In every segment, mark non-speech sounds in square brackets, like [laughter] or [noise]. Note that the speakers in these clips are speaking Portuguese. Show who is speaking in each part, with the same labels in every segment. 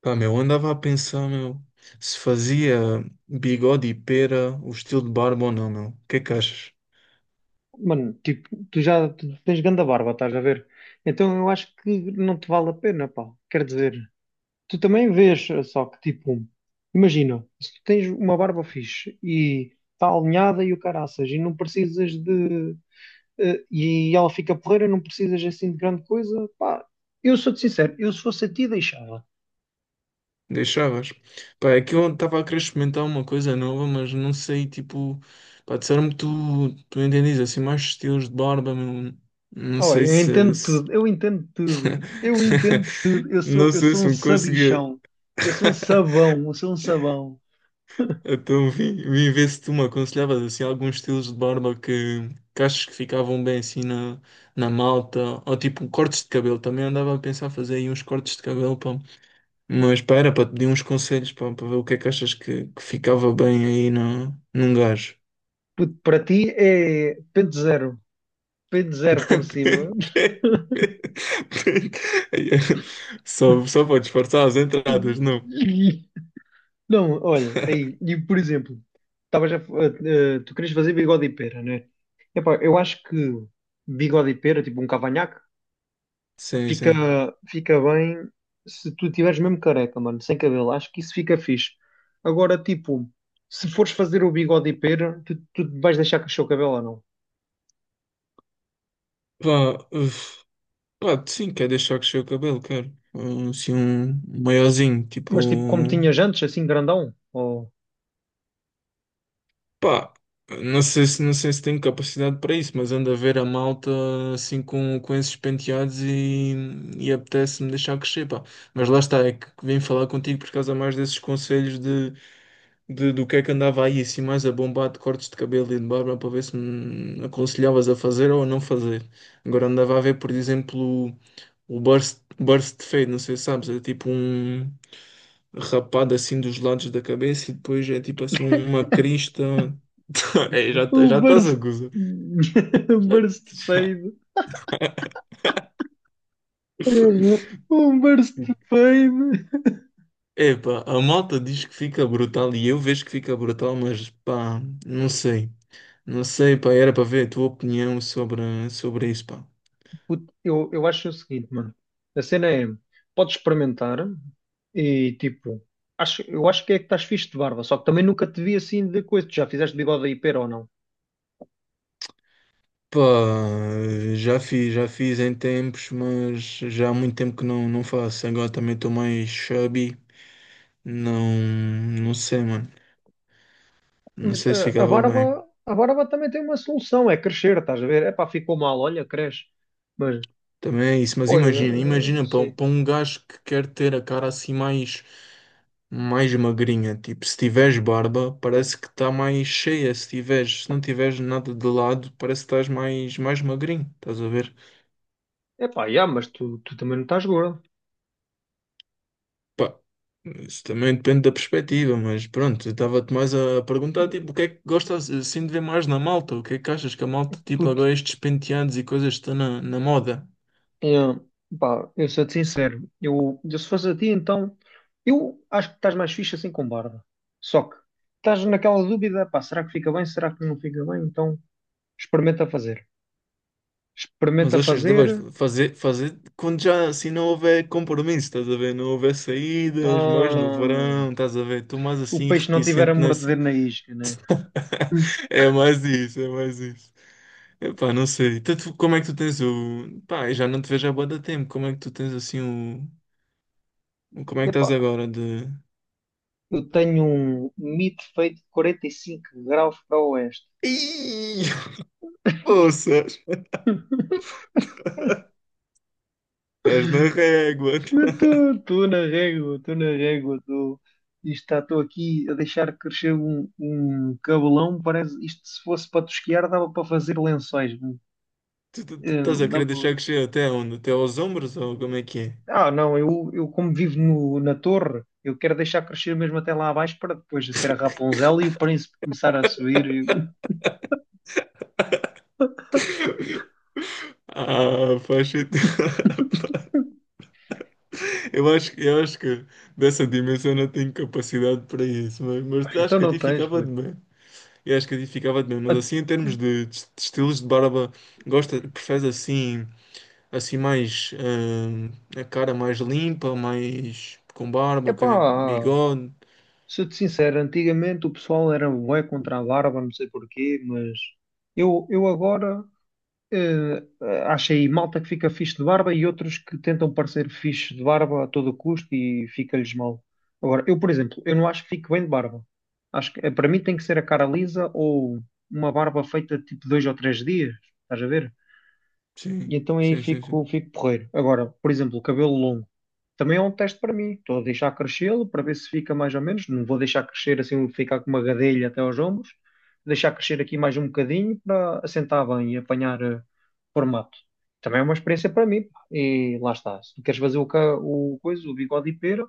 Speaker 1: Pá, meu, andava a pensar, meu, se fazia bigode e pera o estilo de barba ou não, meu. O que é que achas?
Speaker 2: Mano, tipo, tu tens ganda barba, estás a ver? Então eu acho que não te vale a pena, pá. Quer dizer, tu também vês, só que tipo, imagina, se tu tens uma barba fixe e está alinhada e o caraças e não precisas de, e ela fica porreira, não precisas assim de grande coisa, pá. Eu sou-te sincero, eu se fosse a ti deixava.
Speaker 1: Deixavas? Pá, é que eu estava a querer experimentar uma coisa nova, mas não sei, tipo, pá, disseram-me que tu entendes assim mais estilos de barba, meu. Não
Speaker 2: Oh,
Speaker 1: sei
Speaker 2: eu
Speaker 1: se,
Speaker 2: entendo tudo, eu entendo tudo, eu
Speaker 1: [laughs]
Speaker 2: entendo tudo. Eu sou,
Speaker 1: não
Speaker 2: eu
Speaker 1: sei
Speaker 2: sou
Speaker 1: se
Speaker 2: um
Speaker 1: me conseguia.
Speaker 2: sabichão, eu sou um
Speaker 1: [laughs]
Speaker 2: sabão, eu sou um sabão.
Speaker 1: Então vim ver se tu me aconselhavas assim, alguns estilos de barba que achas que ficavam bem assim na, na malta, ou tipo cortes de cabelo. Também andava a pensar fazer aí uns cortes de cabelo, pá. Mas pá, era para te pedir uns conselhos pá, para ver o que é que achas que ficava bem aí na, num gajo.
Speaker 2: Puto, para ti é pente zero por cima.
Speaker 1: [laughs] Só para disfarçar as entradas, não?
Speaker 2: [laughs] Não, olha, aí, e por exemplo, estavas tu querias fazer bigode e pera, né? Epá, eu acho que bigode e pera, tipo um cavanhaque,
Speaker 1: Sim,
Speaker 2: fica,
Speaker 1: sim.
Speaker 2: fica bem se tu tiveres mesmo careca, mano, sem cabelo. Acho que isso fica fixe. Agora, tipo, se fores fazer o bigode e pera, tu vais deixar crescer o cabelo ou não?
Speaker 1: Pá, uf. Pá, sim, quer deixar crescer o cabelo, quero. Assim, um maiozinho, tipo.
Speaker 2: Mas tipo, como tinhas antes, assim grandão?
Speaker 1: Pá, não sei se, não sei se tenho capacidade para isso, mas ando a ver a malta assim com esses penteados e apetece-me deixar crescer, pá. Mas lá está, é que vim falar contigo por causa mais desses conselhos de, do que é que andava aí, assim, mais a bombar de cortes de cabelo e de barba para ver se me aconselhavas a fazer ou a não fazer. Agora andava a ver, por exemplo, o burst fade, não sei se sabes, é tipo um rapado assim dos lados da cabeça e depois é tipo assim uma crista. [laughs] É, já,
Speaker 2: Um
Speaker 1: já estás a
Speaker 2: burst.
Speaker 1: gozar.
Speaker 2: [laughs] Um
Speaker 1: Já-
Speaker 2: burst fade. Um burst fade.
Speaker 1: Epá, a malta diz que fica brutal e eu vejo que fica brutal, mas pá, não sei. Não sei, pá, era para ver a tua opinião sobre, sobre isso, pá.
Speaker 2: Puto, eu acho o seguinte, mano. A cena é: podes experimentar e tipo. Eu acho que é que estás fixe de barba, só que também nunca te vi assim de coisa. Tu já fizeste bigode aí, pera ou não?
Speaker 1: Pá, já fiz em tempos, mas já há muito tempo que não, não faço. Agora também estou mais chubby. Não, não sei, mano. Não
Speaker 2: Mas
Speaker 1: sei se
Speaker 2: ah, a,
Speaker 1: ficava bem.
Speaker 2: barba, a barba também tem uma solução, é crescer, estás a ver? É pá, ficou mal, olha, cresce. Mas
Speaker 1: Também é isso, mas
Speaker 2: pô,
Speaker 1: imagina,
Speaker 2: eu,
Speaker 1: imagina
Speaker 2: sim.
Speaker 1: para um gajo que quer ter a cara assim mais, mais magrinha, tipo, se tiveres barba, parece que está mais cheia, se tiveres, se não tiveres nada de lado, parece que estás mais, mais magrinho, estás a ver?
Speaker 2: Epá, yeah, mas tu, tu também não estás gordo.
Speaker 1: Pá, isso também depende da perspectiva, mas pronto, eu estava-te mais a perguntar, tipo, o que é que gostas assim de ver mais na malta? O que é que achas que a malta, tipo,
Speaker 2: Puto,
Speaker 1: agora estes penteados e coisas que estão na, na moda?
Speaker 2: eu, pá, eu sou-te sincero. Eu se fosse a ti, então, eu acho que estás mais fixe assim com barba. Só que estás naquela dúvida, pá, será que fica bem? Será que não fica bem? Então, experimenta fazer.
Speaker 1: Mas
Speaker 2: Experimenta
Speaker 1: achas que deves
Speaker 2: fazer.
Speaker 1: fazer, fazer quando já assim não houver compromisso, estás a ver? Não houver saídas, mais no
Speaker 2: ah,
Speaker 1: verão, estás a ver? Estou mais
Speaker 2: o
Speaker 1: assim
Speaker 2: peixe não tiver a
Speaker 1: reticente nessa.
Speaker 2: morder
Speaker 1: [laughs]
Speaker 2: na isca, né? Hum.
Speaker 1: É mais isso, é mais isso. Epá, não sei. Então, como é que tu tens o. Pá, eu já não te vejo há bué de tempo. Como é que tu tens assim o. Como é que
Speaker 2: Epá,
Speaker 1: estás agora de.
Speaker 2: eu tenho um mito feito de 45 graus para o oeste.
Speaker 1: Ih, [laughs] poças! Estás na régua! [laughs]
Speaker 2: Estou na régua, estou na régua, estou. Isto estou aqui a deixar crescer um cabelão. Parece isto se fosse para tosquiar, dava para fazer lençóis.
Speaker 1: Tu, tu
Speaker 2: Eh,
Speaker 1: estás a querer
Speaker 2: não-
Speaker 1: deixar crescer até onde? Até aos ombros ou como é que é?
Speaker 2: não, eu como vivo no- na torre, eu quero deixar crescer mesmo até lá abaixo para depois ser a Rapunzel e o príncipe começar a subir.
Speaker 1: [laughs] Ah, faz sentido. Eu acho que dessa dimensão não tenho capacidade para isso,
Speaker 2: Pá,
Speaker 1: mas acho
Speaker 2: então
Speaker 1: que a
Speaker 2: não
Speaker 1: ti
Speaker 2: tens, pô.
Speaker 1: ficava de bem. Eu acho que a ti ficava de bem, mas
Speaker 2: Ah,
Speaker 1: assim, em termos de estilos de barba, gosta, preferes assim, assim mais a cara mais limpa, mais com barba, ok?
Speaker 2: Epá,
Speaker 1: Bigode.
Speaker 2: sou-te sincero, antigamente o pessoal era bué contra a barba, não sei porquê, mas eu agora. Eh, Acho aí malta que fica fixe de barba e outros que tentam parecer fixe de barba a todo custo e fica-lhes mal. Agora, eu, por exemplo, eu não acho que fique bem de barba. Acho que para mim tem que ser a cara lisa ou uma barba feita tipo 2 ou 3 dias, estás a ver? E
Speaker 1: Sim,
Speaker 2: então aí
Speaker 1: sim, sim, sim.
Speaker 2: fico, fico porreiro. Agora, por exemplo, o cabelo longo também é um teste para mim. Estou a deixar crescê-lo para ver se fica mais ou menos. Não vou deixar crescer assim, ficar com uma gadelha até aos ombros. Vou deixar crescer aqui mais um bocadinho para assentar bem e apanhar formato. Também é uma experiência para mim, pá. E lá está. Se tu queres fazer o, ca- o coisa, o bigode e pera,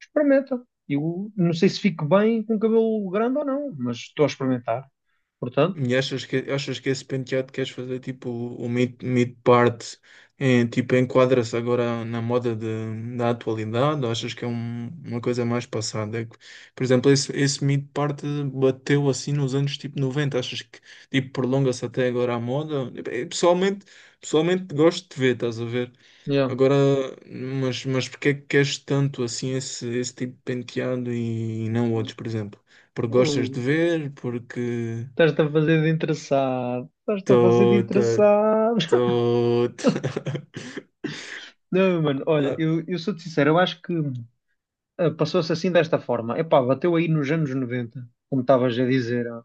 Speaker 2: experimenta. Eu não sei se fico bem com cabelo grande ou não, mas estou a experimentar. Portanto,
Speaker 1: E achas que esse penteado queres fazer tipo o mid-part em, tipo enquadra-se agora na moda da atualidade ou achas que é uma coisa mais passada? É que, por exemplo, esse mid-part bateu assim nos anos tipo 90 achas que tipo prolonga-se até agora a moda? Pessoalmente, gosto de ver, estás a ver?
Speaker 2: yeah.
Speaker 1: Agora, mas porque é que queres tanto assim esse, esse tipo de penteado e não outros, por exemplo? Porque gostas de ver? Porque.
Speaker 2: Estás-te a fazer de interessado. Estás-te a fazer de
Speaker 1: Tô,
Speaker 2: interessado.
Speaker 1: tô, [laughs]
Speaker 2: [laughs] Não, mano, olha,
Speaker 1: ah,
Speaker 2: eu sou-te sincero, eu acho que passou-se assim desta forma. Epá, bateu aí nos anos 90, como estavas a dizer. Ah.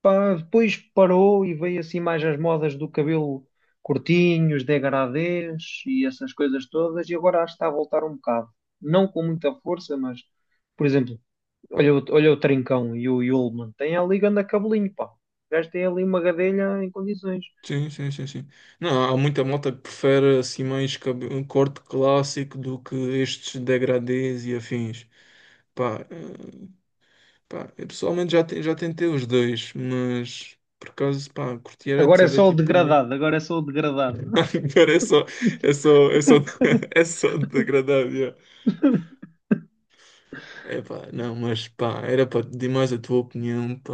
Speaker 2: Pá, depois parou e veio assim mais as modas do cabelo curtinho, os degradês e essas coisas todas, e agora acho que está a voltar um bocado. Não com muita força, mas, por exemplo, olha o Trincão e o Yulman, tem ali ganda cabelinho, pá. O gajo tem ali uma gadelha em condições.
Speaker 1: sim, sim, sim, sim. Não, há muita malta que prefere assim mais um corte clássico do que estes degradês e afins. Pá, pá, eu pessoalmente já, já tentei os dois, mas por acaso, pá, curti era de
Speaker 2: Agora é
Speaker 1: saber,
Speaker 2: só o
Speaker 1: tipo,
Speaker 2: degradado, agora é só o degradado.
Speaker 1: [laughs] cara, é só, é só, é só, [laughs] é só degradado.
Speaker 2: [laughs]
Speaker 1: Epá, não, mas pá, era para pedir mais a tua opinião, pá.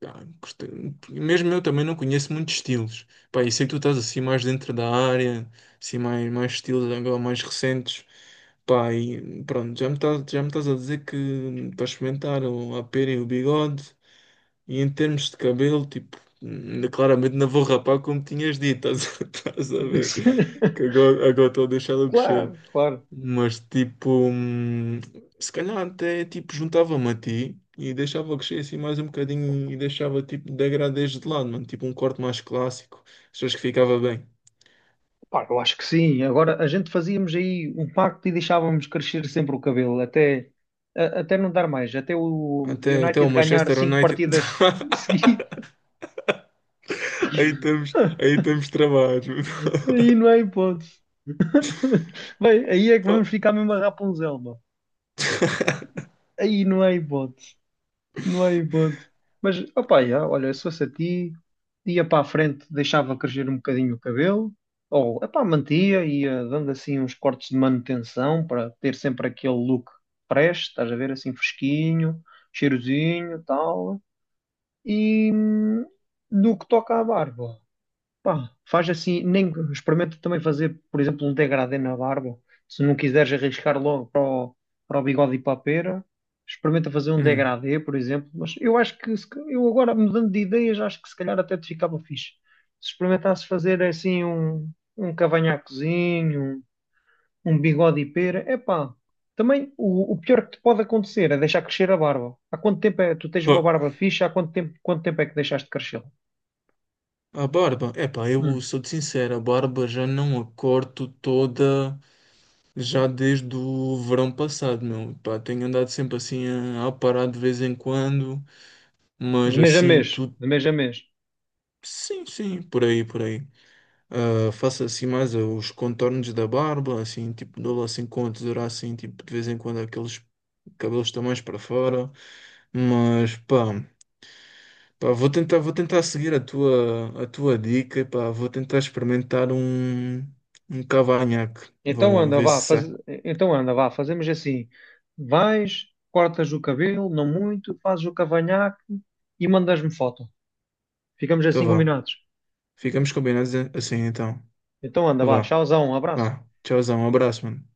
Speaker 1: Pá, mesmo eu também não conheço muitos estilos, pá, e sei que tu estás assim mais dentro da área, assim mais, mais estilos agora mais recentes, pá, e pronto, já me estás a dizer que para experimentar o, a pera e o bigode, e em termos de cabelo, tipo, ainda claramente não vou rapar como tinhas dito, estás, a [laughs] estás a ver, que agora estou a deixá-lo crescer.
Speaker 2: Claro, claro.
Speaker 1: Mas tipo, se calhar até tipo juntava-me a ti e deixava crescer assim mais um bocadinho e deixava tipo degradês de lado, mano, tipo um corte mais clássico. Achas que ficava bem?
Speaker 2: Pá, eu acho que sim. Agora a gente fazíamos aí um pacto e deixávamos crescer sempre o cabelo, até não dar mais, até o
Speaker 1: Até, até o
Speaker 2: United ganhar
Speaker 1: Manchester
Speaker 2: cinco
Speaker 1: United.
Speaker 2: partidas
Speaker 1: [laughs]
Speaker 2: seguidas.
Speaker 1: Aí
Speaker 2: [laughs]
Speaker 1: estamos travados.
Speaker 2: Aí não é hipótese. Bem, aí é que
Speaker 1: [laughs]
Speaker 2: vamos
Speaker 1: Pô.
Speaker 2: ficar mesmo a Rapunzel, mano. Aí não é hipótese. Não há hipótese. Mas, opá, já, olha, se fosse a ti, ia para a frente, deixava crescer um bocadinho o cabelo, ou, epá, mantia, ia dando assim uns cortes de manutenção para ter sempre aquele look fresh, estás a ver, assim fresquinho, cheirosinho, tal. E no que toca à barba, pá, faz assim, nem experimenta também fazer, por exemplo, um degradê na barba, se não quiseres arriscar logo para o bigode e para a pera. Experimenta fazer um
Speaker 1: Hum.
Speaker 2: degradê, por exemplo. Mas eu acho que, se ca- eu agora mudando de ideias, acho que se calhar até te ficava fixe. Se experimentasse fazer assim um cavanhaquezinho, um bigode e pera, epá. Também o pior que te pode acontecer é deixar crescer a barba. Há quanto tempo é, tu tens
Speaker 1: Pô,
Speaker 2: uma barba fixa? Há quanto tempo é que deixaste de crescê-la?
Speaker 1: a barba, epá, eu
Speaker 2: Hum.
Speaker 1: sou sincero, a barba já não a corto toda. Já desde o verão passado, meu. Pá, tenho andado sempre assim a parar de vez em quando, mas
Speaker 2: De mês a
Speaker 1: assim,
Speaker 2: mês,
Speaker 1: tudo.
Speaker 2: de mês a mês.
Speaker 1: Sim, sim, por aí, por aí. Ah, faço assim mais os contornos da barba, assim, tipo, dou lá assim com a tesoura, assim, tipo, de vez em quando aqueles cabelos estão mais para fora, mas pá. Pá, vou tentar seguir a tua dica, pá, vou tentar experimentar um, um cavanhaque.
Speaker 2: Então
Speaker 1: Vão
Speaker 2: anda,
Speaker 1: ver se
Speaker 2: vá, faz...
Speaker 1: sai.
Speaker 2: então anda, vá, fazemos assim. Vais, cortas o cabelo, não muito, fazes o cavanhaque e mandas-me foto. Ficamos
Speaker 1: Então
Speaker 2: assim
Speaker 1: vá.
Speaker 2: combinados.
Speaker 1: Ficamos combinados assim então.
Speaker 2: Então anda, vá,
Speaker 1: Vá.
Speaker 2: tchauzão, um abraço.
Speaker 1: Ah, tchauzão, um abraço, mano.